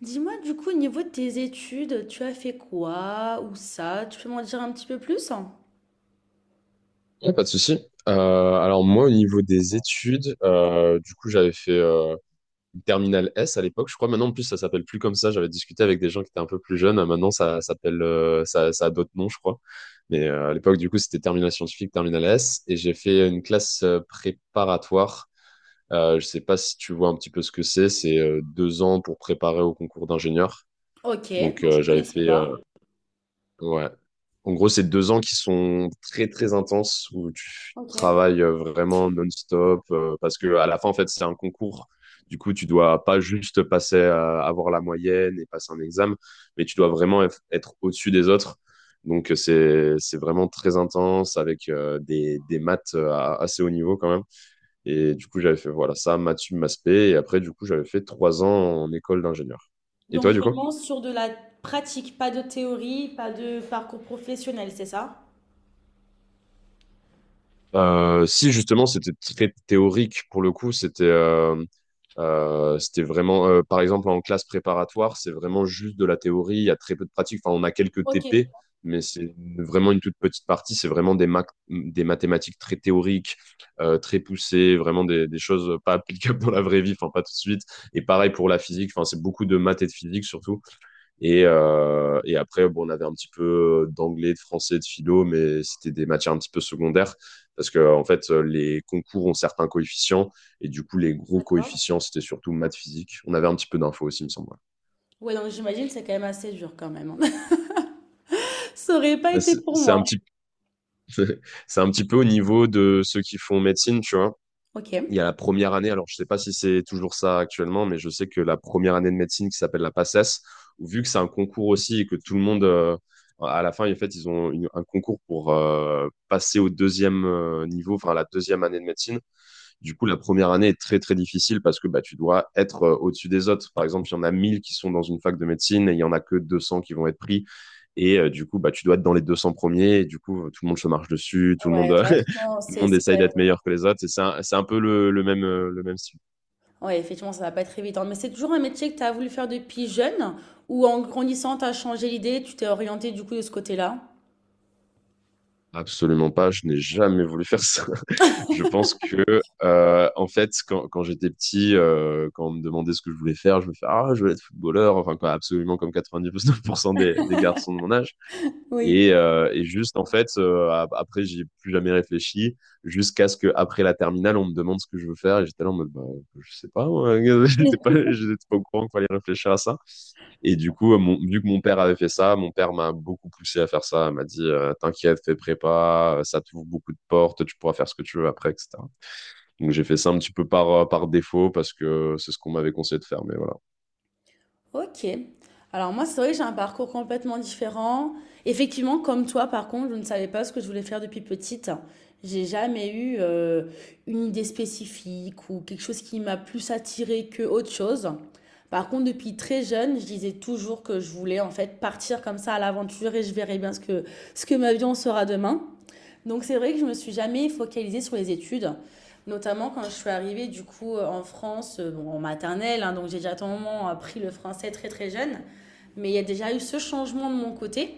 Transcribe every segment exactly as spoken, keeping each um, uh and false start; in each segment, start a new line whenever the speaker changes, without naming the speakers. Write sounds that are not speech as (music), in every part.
Dis-moi, du coup, au niveau de tes études, tu as fait quoi ou ça? Tu peux m'en dire un petit peu plus?
Ouais, pas de souci. Euh, alors moi, au niveau des études, euh, du coup, j'avais fait euh, une terminale S à l'époque, je crois. Maintenant, en plus, ça s'appelle plus comme ça. J'avais discuté avec des gens qui étaient un peu plus jeunes. Euh, Maintenant, ça s'appelle, euh, ça, ça a d'autres noms, je crois. Mais euh, à l'époque, du coup, c'était terminale scientifique, terminale S, et j'ai fait une classe euh, préparatoire. Euh, je sais pas si tu vois un petit peu ce que c'est. C'est euh, deux ans pour préparer au concours d'ingénieur.
Ok,
Donc,
donc je
euh, j'avais
connaissais
fait
pas.
euh, Ouais. En gros, c'est deux ans qui sont très très intenses où tu
Ok.
travailles euh, vraiment non-stop euh, parce que à la fin, en fait, c'est un concours. Du coup, tu dois pas juste passer à avoir la moyenne et passer un examen, mais tu dois vraiment eff- être au-dessus des autres. Donc, euh, c'est c'est vraiment très intense avec euh, des, des maths euh, à- assez haut niveau quand même. Et du coup, j'avais fait voilà ça, maths sup, maths spé. Et après, du coup, j'avais fait trois ans en école d'ingénieur. Et toi,
Donc
du coup?
vraiment sur de la pratique, pas de théorie, pas de parcours professionnel, c'est ça?
Euh, si justement c'était très théorique pour le coup, c'était euh, euh, c'était vraiment euh, par exemple en classe préparatoire, c'est vraiment juste de la théorie, il y a très peu de pratique. Enfin, on a quelques
Ok,
T P, mais c'est vraiment une toute petite partie. C'est vraiment des mac- des mathématiques très théoriques, euh, très poussées, vraiment des, des choses pas applicables dans la vraie vie, enfin pas tout de suite. Et pareil pour la physique, enfin c'est beaucoup de maths et de physique surtout. Et, euh, et après, bon, on avait un petit peu euh, d'anglais, de français, de philo, mais c'était des matières un petit peu secondaires parce que en fait, euh, les concours ont certains coefficients et du coup, les gros
d'accord.
coefficients, c'était surtout maths, physique. On avait un petit peu d'infos aussi, il me semble. Ouais.
Ouais, donc j'imagine que c'est quand même assez dur quand même, hein. (laughs) Ça aurait pas
Bah,
été
c'est
pour
c'est un
moi.
petit, c'est un petit peu au niveau de ceux qui font médecine, tu vois. Il y
Ok.
a la première année, alors je sais pas si c'est toujours ça actuellement, mais je sais que la première année de médecine qui s'appelle la PACES, où vu que c'est un concours aussi et que tout le monde, euh, à la fin, en fait, ils ont une- un concours pour euh, passer au deuxième euh, niveau, enfin à la deuxième année de médecine, du coup, la première année est très, très difficile parce que bah, tu dois être euh, au-dessus des autres. Par exemple, il y en a mille qui sont dans une fac de médecine et il y en a que deux cents qui vont être pris. Et euh, du coup, bah, tu dois être dans les deux cents premiers. Et du coup, euh, tout le monde se marche dessus, tout le monde,
Ouais,
euh, (laughs)
vachement,
tout le
c'est
monde
c'est
essaye
quand même...
d'être meilleur que les autres. Et C'est un, c'est un peu le, le même, euh, le même style.
Ouais, effectivement, ça va pas être évident. Mais c'est toujours un métier que tu as voulu faire depuis jeune ou en grandissant, tu as changé l'idée, tu t'es orienté du coup de ce côté-là?
Absolument pas, je n'ai jamais voulu faire ça. (laughs) Je pense que, euh, en fait, quand, quand j'étais petit, euh, quand on me demandait ce que je voulais faire, je me fais ah, je veux être footballeur, enfin, quoi, absolument comme quatre-vingt-dix-neuf pour cent des, des garçons de mon âge.
Oui.
Et, euh, et juste, en fait, euh, après, j'ai plus jamais réfléchi jusqu'à ce qu'après la terminale, on me demande ce que je veux faire. Et j'étais là en mode, bah, je sais pas, moi. (laughs) j'étais pas,
(laughs)
j'étais pas au courant qu'il fallait réfléchir à ça. Et du coup, euh, mon, vu que mon père avait fait ça, mon père m'a beaucoup poussé à faire ça. Il m'a dit, euh, t'inquiète, fais prépa, euh, ça t'ouvre beaucoup de portes, tu pourras faire ce que tu veux après, et cetera. Donc j'ai fait ça un petit peu par, euh, par défaut parce que c'est ce qu'on m'avait conseillé de faire. Mais voilà.
Ok. Alors moi, c'est vrai que j'ai un parcours complètement différent. Effectivement, comme toi, par contre, je ne savais pas ce que je voulais faire depuis petite. J'ai jamais eu euh, une idée spécifique ou quelque chose qui m'a plus attirée que autre chose. Par contre, depuis très jeune, je disais toujours que je voulais en fait partir comme ça à l'aventure et je verrai bien ce que ce que ma vie en sera demain. Donc c'est vrai que je me suis jamais focalisée sur les études, notamment quand je suis arrivée du coup euh, en France, euh, bon, en maternelle, hein, donc j'ai déjà à un moment appris le français très très jeune, mais il y a déjà eu ce changement de mon côté.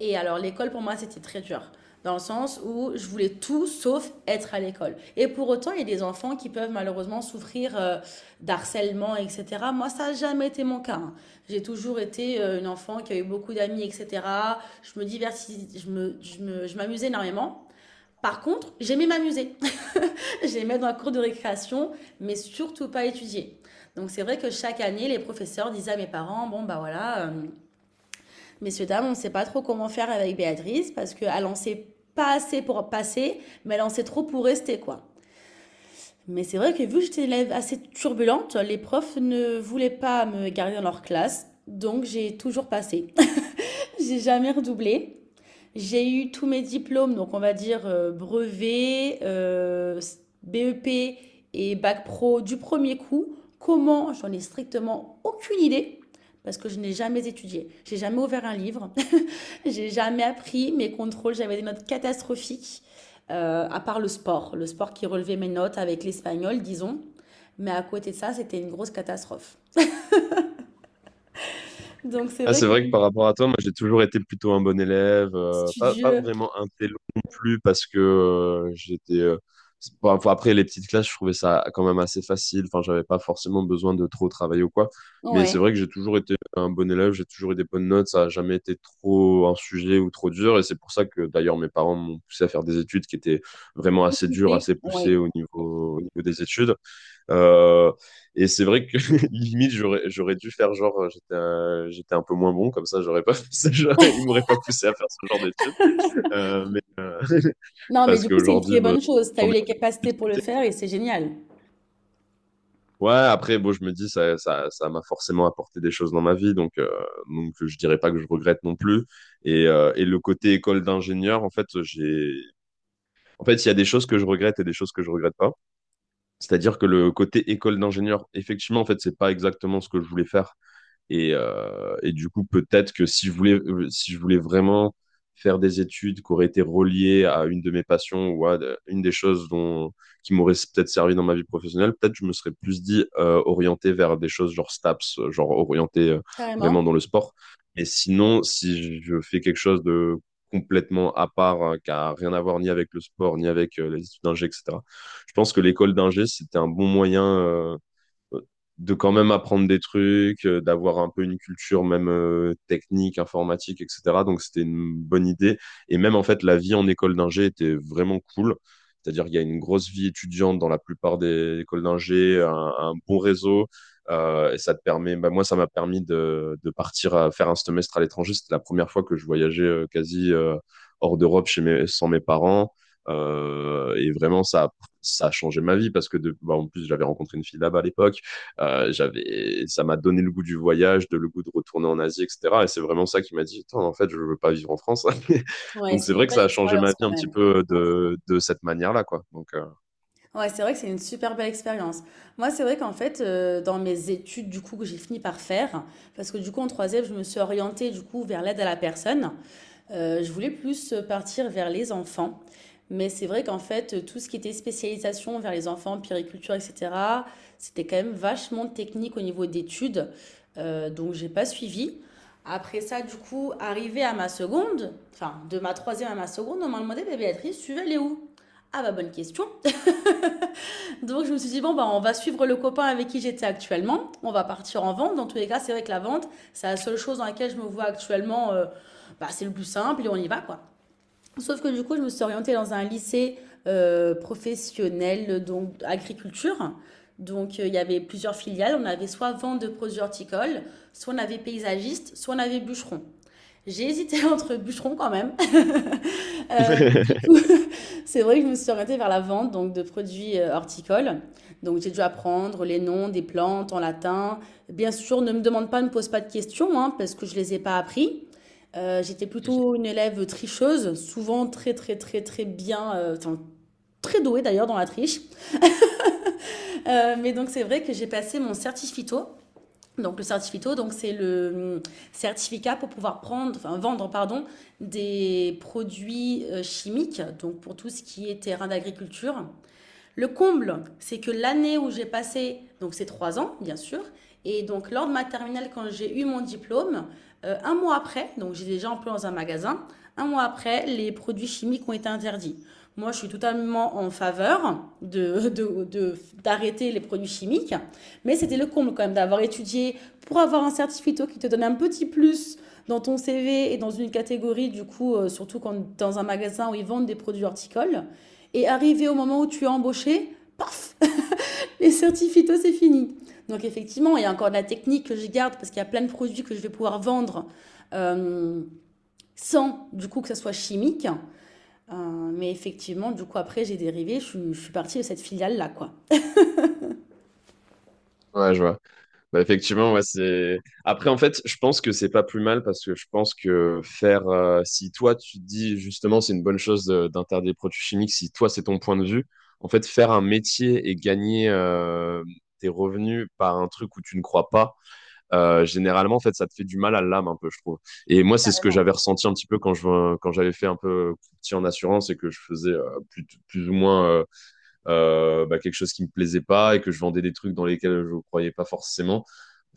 Et alors l'école pour moi c'était très dur, dans le sens où je voulais tout sauf être à l'école. Et pour autant il y a des enfants qui peuvent malheureusement souffrir euh, d'harcèlement, et cetera. Moi ça n'a jamais été mon cas, hein. J'ai toujours été euh, une enfant qui a eu beaucoup d'amis, et cetera. Je me divertis, je me- je me- Je m'amusais énormément. Par contre, j'aimais m'amuser. (laughs) J'aimais être dans la cour de récréation, mais surtout pas étudier. Donc c'est vrai que chaque année, les professeurs disaient à mes parents: bon bah voilà, euh, messieurs, dames, on ne sait pas trop comment faire avec Béatrice, parce qu'elle en sait pas assez pour passer, mais elle en sait trop pour rester, quoi. Mais c'est vrai que vu que j'étais une élève assez turbulente, les profs ne voulaient pas me garder dans leur classe, donc j'ai toujours passé. (laughs) J'ai jamais redoublé. J'ai eu tous mes diplômes, donc on va dire euh, brevet, euh, s- B E P et bac pro du premier coup. Comment? J'en ai strictement aucune idée parce que je n'ai jamais étudié. J'ai jamais ouvert un livre, (laughs) j'ai jamais appris mes contrôles, j'avais des notes catastrophiques euh, à part le sport, le sport qui relevait mes notes avec l'espagnol, disons. Mais à côté de ça, c'était une grosse catastrophe. Donc c'est
Ah,
vrai
c'est
que
vrai que par rapport à toi, moi j'ai toujours été plutôt un bon élève, euh, pas, pas
studieux,
vraiment un télo non plus parce que euh, j'étais... euh, c'est- bon, enfin, après les petites classes, je trouvais ça quand même assez facile, enfin j'avais pas forcément besoin de trop travailler ou quoi, mais c'est
ouais,
vrai que j'ai toujours été un bon élève, j'ai toujours eu des bonnes notes, ça a jamais été trop un sujet ou trop dur et c'est pour ça que d'ailleurs mes parents m'ont poussé à faire des études qui étaient vraiment assez dures, assez
ouais.
poussées au niveau, au niveau des études. Euh, et c'est vrai que (laughs) limite j'aurais j'aurais dû faire genre euh, j'étais un, j'étais un peu moins bon comme ça j'aurais pas (laughs) fait ça, j'aurais- il m'aurait pas poussé à faire ce genre d'études euh, mais euh, (laughs)
Non, mais
parce
du coup, c'est une
qu'aujourd'hui
très
bah,
bonne chose. Tu as
j'en
eu
ai
les
plus.
capacités pour le faire et c'est génial.
Ouais, après bon je me dis ça ça ça m'a forcément apporté des choses dans ma vie donc euh, donc je dirais pas que je regrette non plus et euh, et le côté école d'ingénieur en fait j'ai En fait, il y a des choses que je regrette et des choses que je regrette pas. C'est-à-dire que le côté école d'ingénieur, effectivement, en fait, c'est pas exactement ce que je voulais faire. Et, euh, et du coup, peut-être que si je voulais, euh, si je voulais vraiment faire des études qui auraient été reliées à une de mes passions ou à de- une des choses dont, qui m'auraient peut-être servi dans ma vie professionnelle, peut-être je me serais plus dit euh, orienté vers des choses genre STAPS, euh, genre orienté euh, vraiment
Carrément.
dans le sport. Mais sinon, si je fais quelque chose de complètement à part, hein, qui a rien à voir ni avec le sport, ni avec euh, les études d'ingé, et cetera, je pense que l'école d'ingé, c'était un bon moyen. Euh, de quand même apprendre des trucs, euh, d'avoir un peu une culture même euh, technique, informatique, et cetera. Donc c'était une bonne idée. Et même en fait, la vie en école d'ingé était vraiment cool. C'est-à-dire qu'il y a une grosse vie étudiante dans la plupart des écoles d'ingé, un, un bon réseau. Euh, et ça te permet, bah, moi, ça m'a permis de, de partir à faire un semestre à l'étranger. C'était la première fois que je voyageais euh, quasi euh, hors d'Europe chez mes, sans mes parents. Euh, et vraiment, ça, ça a changé ma vie parce que de, bah, en plus, j'avais rencontré une fille là-bas à l'époque. Euh, j'avais, ça m'a donné le goût du voyage, de le goût de retourner en Asie, et cetera. Et c'est vraiment ça qui m'a dit, attends, en fait, je veux pas vivre en France. (laughs)
Ouais,
Donc
c'est
c'est
une
vrai que
belle
ça a changé ma
expérience
vie
quand
un petit
même.
peu euh, de, de cette manière-là, quoi. Donc euh,
Ouais, c'est vrai que c'est une super belle expérience. Moi, c'est vrai qu'en fait, euh, dans mes études, du coup, que j'ai fini par faire, parce que du coup, en troisième, je me suis orientée, du coup, vers l'aide à la personne. Euh, je voulais plus partir vers les enfants, mais c'est vrai qu'en fait, tout ce qui était spécialisation vers les enfants, périculture, et cetera, c'était quand même vachement technique au niveau d'études, euh, donc j'ai pas suivi. Après ça, du coup, arrivé à ma seconde, enfin de ma troisième à ma seconde, on m'a demandé: bah, Béatrice, tu veux aller où? Ah bah bonne question. (laughs) Donc je me suis dit bon bah on va suivre le copain avec qui j'étais actuellement. On va partir en vente. Dans tous les cas c'est vrai que la vente c'est la seule chose dans laquelle je me vois actuellement. Euh, bah c'est le plus simple et on y va quoi. Sauf que du coup, je me suis orientée dans un lycée euh, professionnel, donc agriculture. Donc, euh, il y avait plusieurs filiales. On avait soit vente de produits horticoles, soit on avait paysagiste, soit on avait bûcheron. J'ai hésité (laughs) entre bûcheron quand même. (laughs) Euh, mais du coup, (laughs) c'est vrai que je me suis orientée vers la vente donc, de produits euh, horticoles. Donc, j'ai dû apprendre les noms des plantes en latin. Bien sûr, ne me demande pas, ne me pose pas de questions, hein, parce que je ne les ai pas appris. Euh, j'étais plutôt une élève tricheuse, souvent très très très très bien, euh, enfin, très douée d'ailleurs dans la triche. Euh, mais donc c'est vrai que j'ai passé mon certificato. Donc le certificato, donc c'est le hum, certificat pour pouvoir prendre, enfin, vendre pardon, des produits euh, chimiques, donc pour tout ce qui est terrain d'agriculture. Le comble, c'est que l'année où j'ai passé, donc c'est trois ans, bien sûr, et donc lors de ma terminale, quand j'ai eu mon diplôme, euh, un mois après, donc j'ai déjà employé dans un magasin, un mois après, les produits chimiques ont été interdits. Moi, je suis totalement en faveur de, de, de- d'arrêter les produits chimiques, mais c'était le comble quand même d'avoir étudié pour avoir un certificat qui te donne un petit plus dans ton C V et dans une catégorie, du coup, euh, surtout quand, dans un magasin où ils vendent des produits horticoles. Et arrivé au moment où tu es embauché, paf, les certificats, c'est fini. Donc effectivement, il y a encore de la technique que je garde parce qu'il y a plein de produits que je vais pouvoir vendre euh, sans du coup que ça soit chimique. Euh, mais effectivement, du coup, après, j'ai dérivé, je, suis- je suis partie de cette filiale-là, quoi.
ouais, je vois. Bah, effectivement, ouais, c'est. Après, en fait, je pense que c'est pas plus mal parce que je pense que faire, euh, si toi tu te dis justement, c'est une bonne chose de- d'interdire les produits chimiques, si toi c'est ton point de vue, en fait, faire un métier et gagner euh, tes revenus par un truc où tu ne crois pas euh, généralement, en fait, ça te fait du mal à l'âme un peu, je trouve. Et moi, c'est ce que j'avais ressenti un petit peu quand je quand j'avais fait un peu euh, petit en assurance et que je faisais euh, plus, plus ou moins euh, euh, bah, quelque chose qui me plaisait pas et que je vendais des trucs dans lesquels je croyais pas forcément.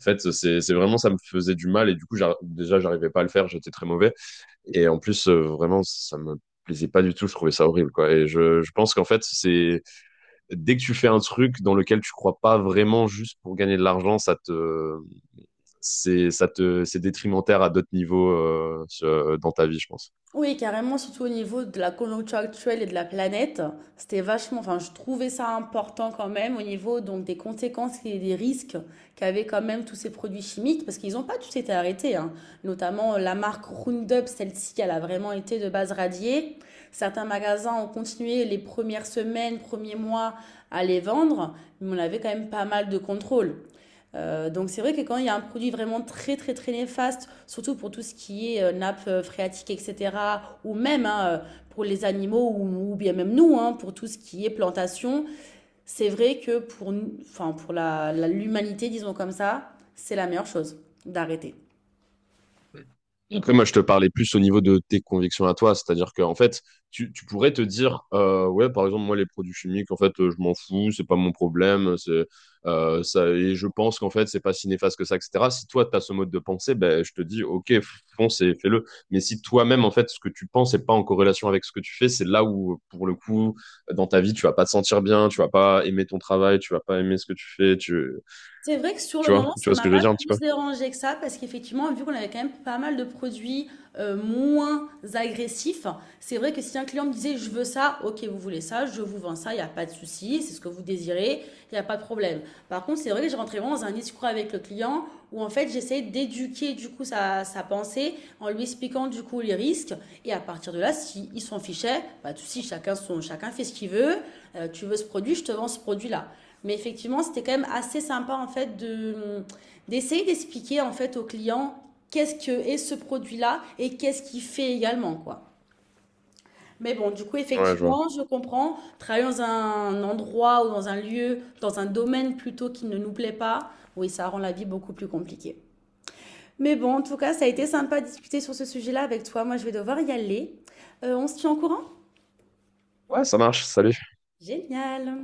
En fait, c'est c'est vraiment ça me faisait du mal et du coup, j'ar- déjà, j'arrivais pas à le faire, j'étais très mauvais. Et en plus, euh, vraiment, ça me plaisait pas du tout, je trouvais ça horrible, quoi. Et je, je pense qu'en fait, c'est dès que tu fais un truc dans lequel tu crois pas vraiment juste pour gagner de l'argent, ça te, c'est, ça te, c'est détrimentaire à d'autres niveaux euh, sur- dans ta vie, je pense.
Oui, carrément, surtout au niveau de la conjoncture actuelle et de la planète, c'était vachement, enfin, je trouvais ça important quand même au niveau donc des conséquences et des risques qu'avaient quand même tous ces produits chimiques, parce qu'ils n'ont pas tous été arrêtés, hein. Notamment euh, la marque Roundup, celle-ci, elle a vraiment été de base radiée. Certains magasins ont continué les premières semaines, premiers mois à les vendre, mais on avait quand même pas mal de contrôle. Euh, donc c'est vrai que quand il y a un produit vraiment très très très néfaste, surtout pour tout ce qui est euh, nappe euh, phréatique, et cetera, ou même hein, euh, pour les animaux, ou, ou bien même nous, hein, pour tout ce qui est plantation, c'est vrai que pour, enfin, pour la- la- l'humanité, disons comme ça, c'est la meilleure chose d'arrêter.
Et après, moi, je te parlais plus au niveau de tes convictions à toi, c'est-à-dire qu'en fait, tu, tu pourrais te dire, euh, ouais, par exemple, moi, les produits chimiques, en fait, euh, je m'en fous, c'est pas mon problème, c'est euh, ça, et je pense qu'en fait, c'est pas si néfaste que ça, et cetera. Si toi, tu as ce mode de pensée, ben, je te dis, ok, fonce et fais-le. Mais si toi-même, en fait, ce que tu penses n'est pas en corrélation avec ce que tu fais, c'est là où, pour le coup, dans ta vie, tu vas pas te sentir bien, tu vas pas aimer ton travail, tu vas pas aimer ce que tu fais, tu,
C'est vrai que sur le
tu vois,
moment,
tu
ça
vois ce
m'a
que je veux
pas
dire un petit peu?
plus dérangé que ça parce qu'effectivement, vu qu'on avait quand même pas mal de produits euh, moins agressifs, c'est vrai que si un client me disait je veux ça, ok, vous voulez ça, je vous vends ça, il n'y a pas de souci, c'est ce que vous désirez, il n'y a pas de problème. Par contre, c'est vrai que j'ai rentré vraiment dans un discours avec le client où en fait j'essayais d'éduquer du coup sa, sa pensée en lui expliquant du coup les risques et à partir de là, s'il s'en fichait, pas de souci, chacun, son, chacun fait ce qu'il veut. Euh, tu veux ce produit, je te vends ce produit-là. Mais effectivement, c'était quand même assez sympa en fait de d'essayer d'expliquer en fait aux clients qu'est-ce que est ce produit-là et qu'est-ce qu'il fait également quoi. Mais bon, du coup,
Ouais, je vois.
effectivement, je comprends. Travailler dans un endroit ou dans un lieu, dans un domaine plutôt qui ne nous plaît pas, oui, ça rend la vie beaucoup plus compliquée. Mais bon, en tout cas, ça a été sympa de discuter sur ce sujet-là avec toi. Moi, je vais devoir y aller. Euh, on se tient au courant.
Ouais, ça marche, salut.
Génial.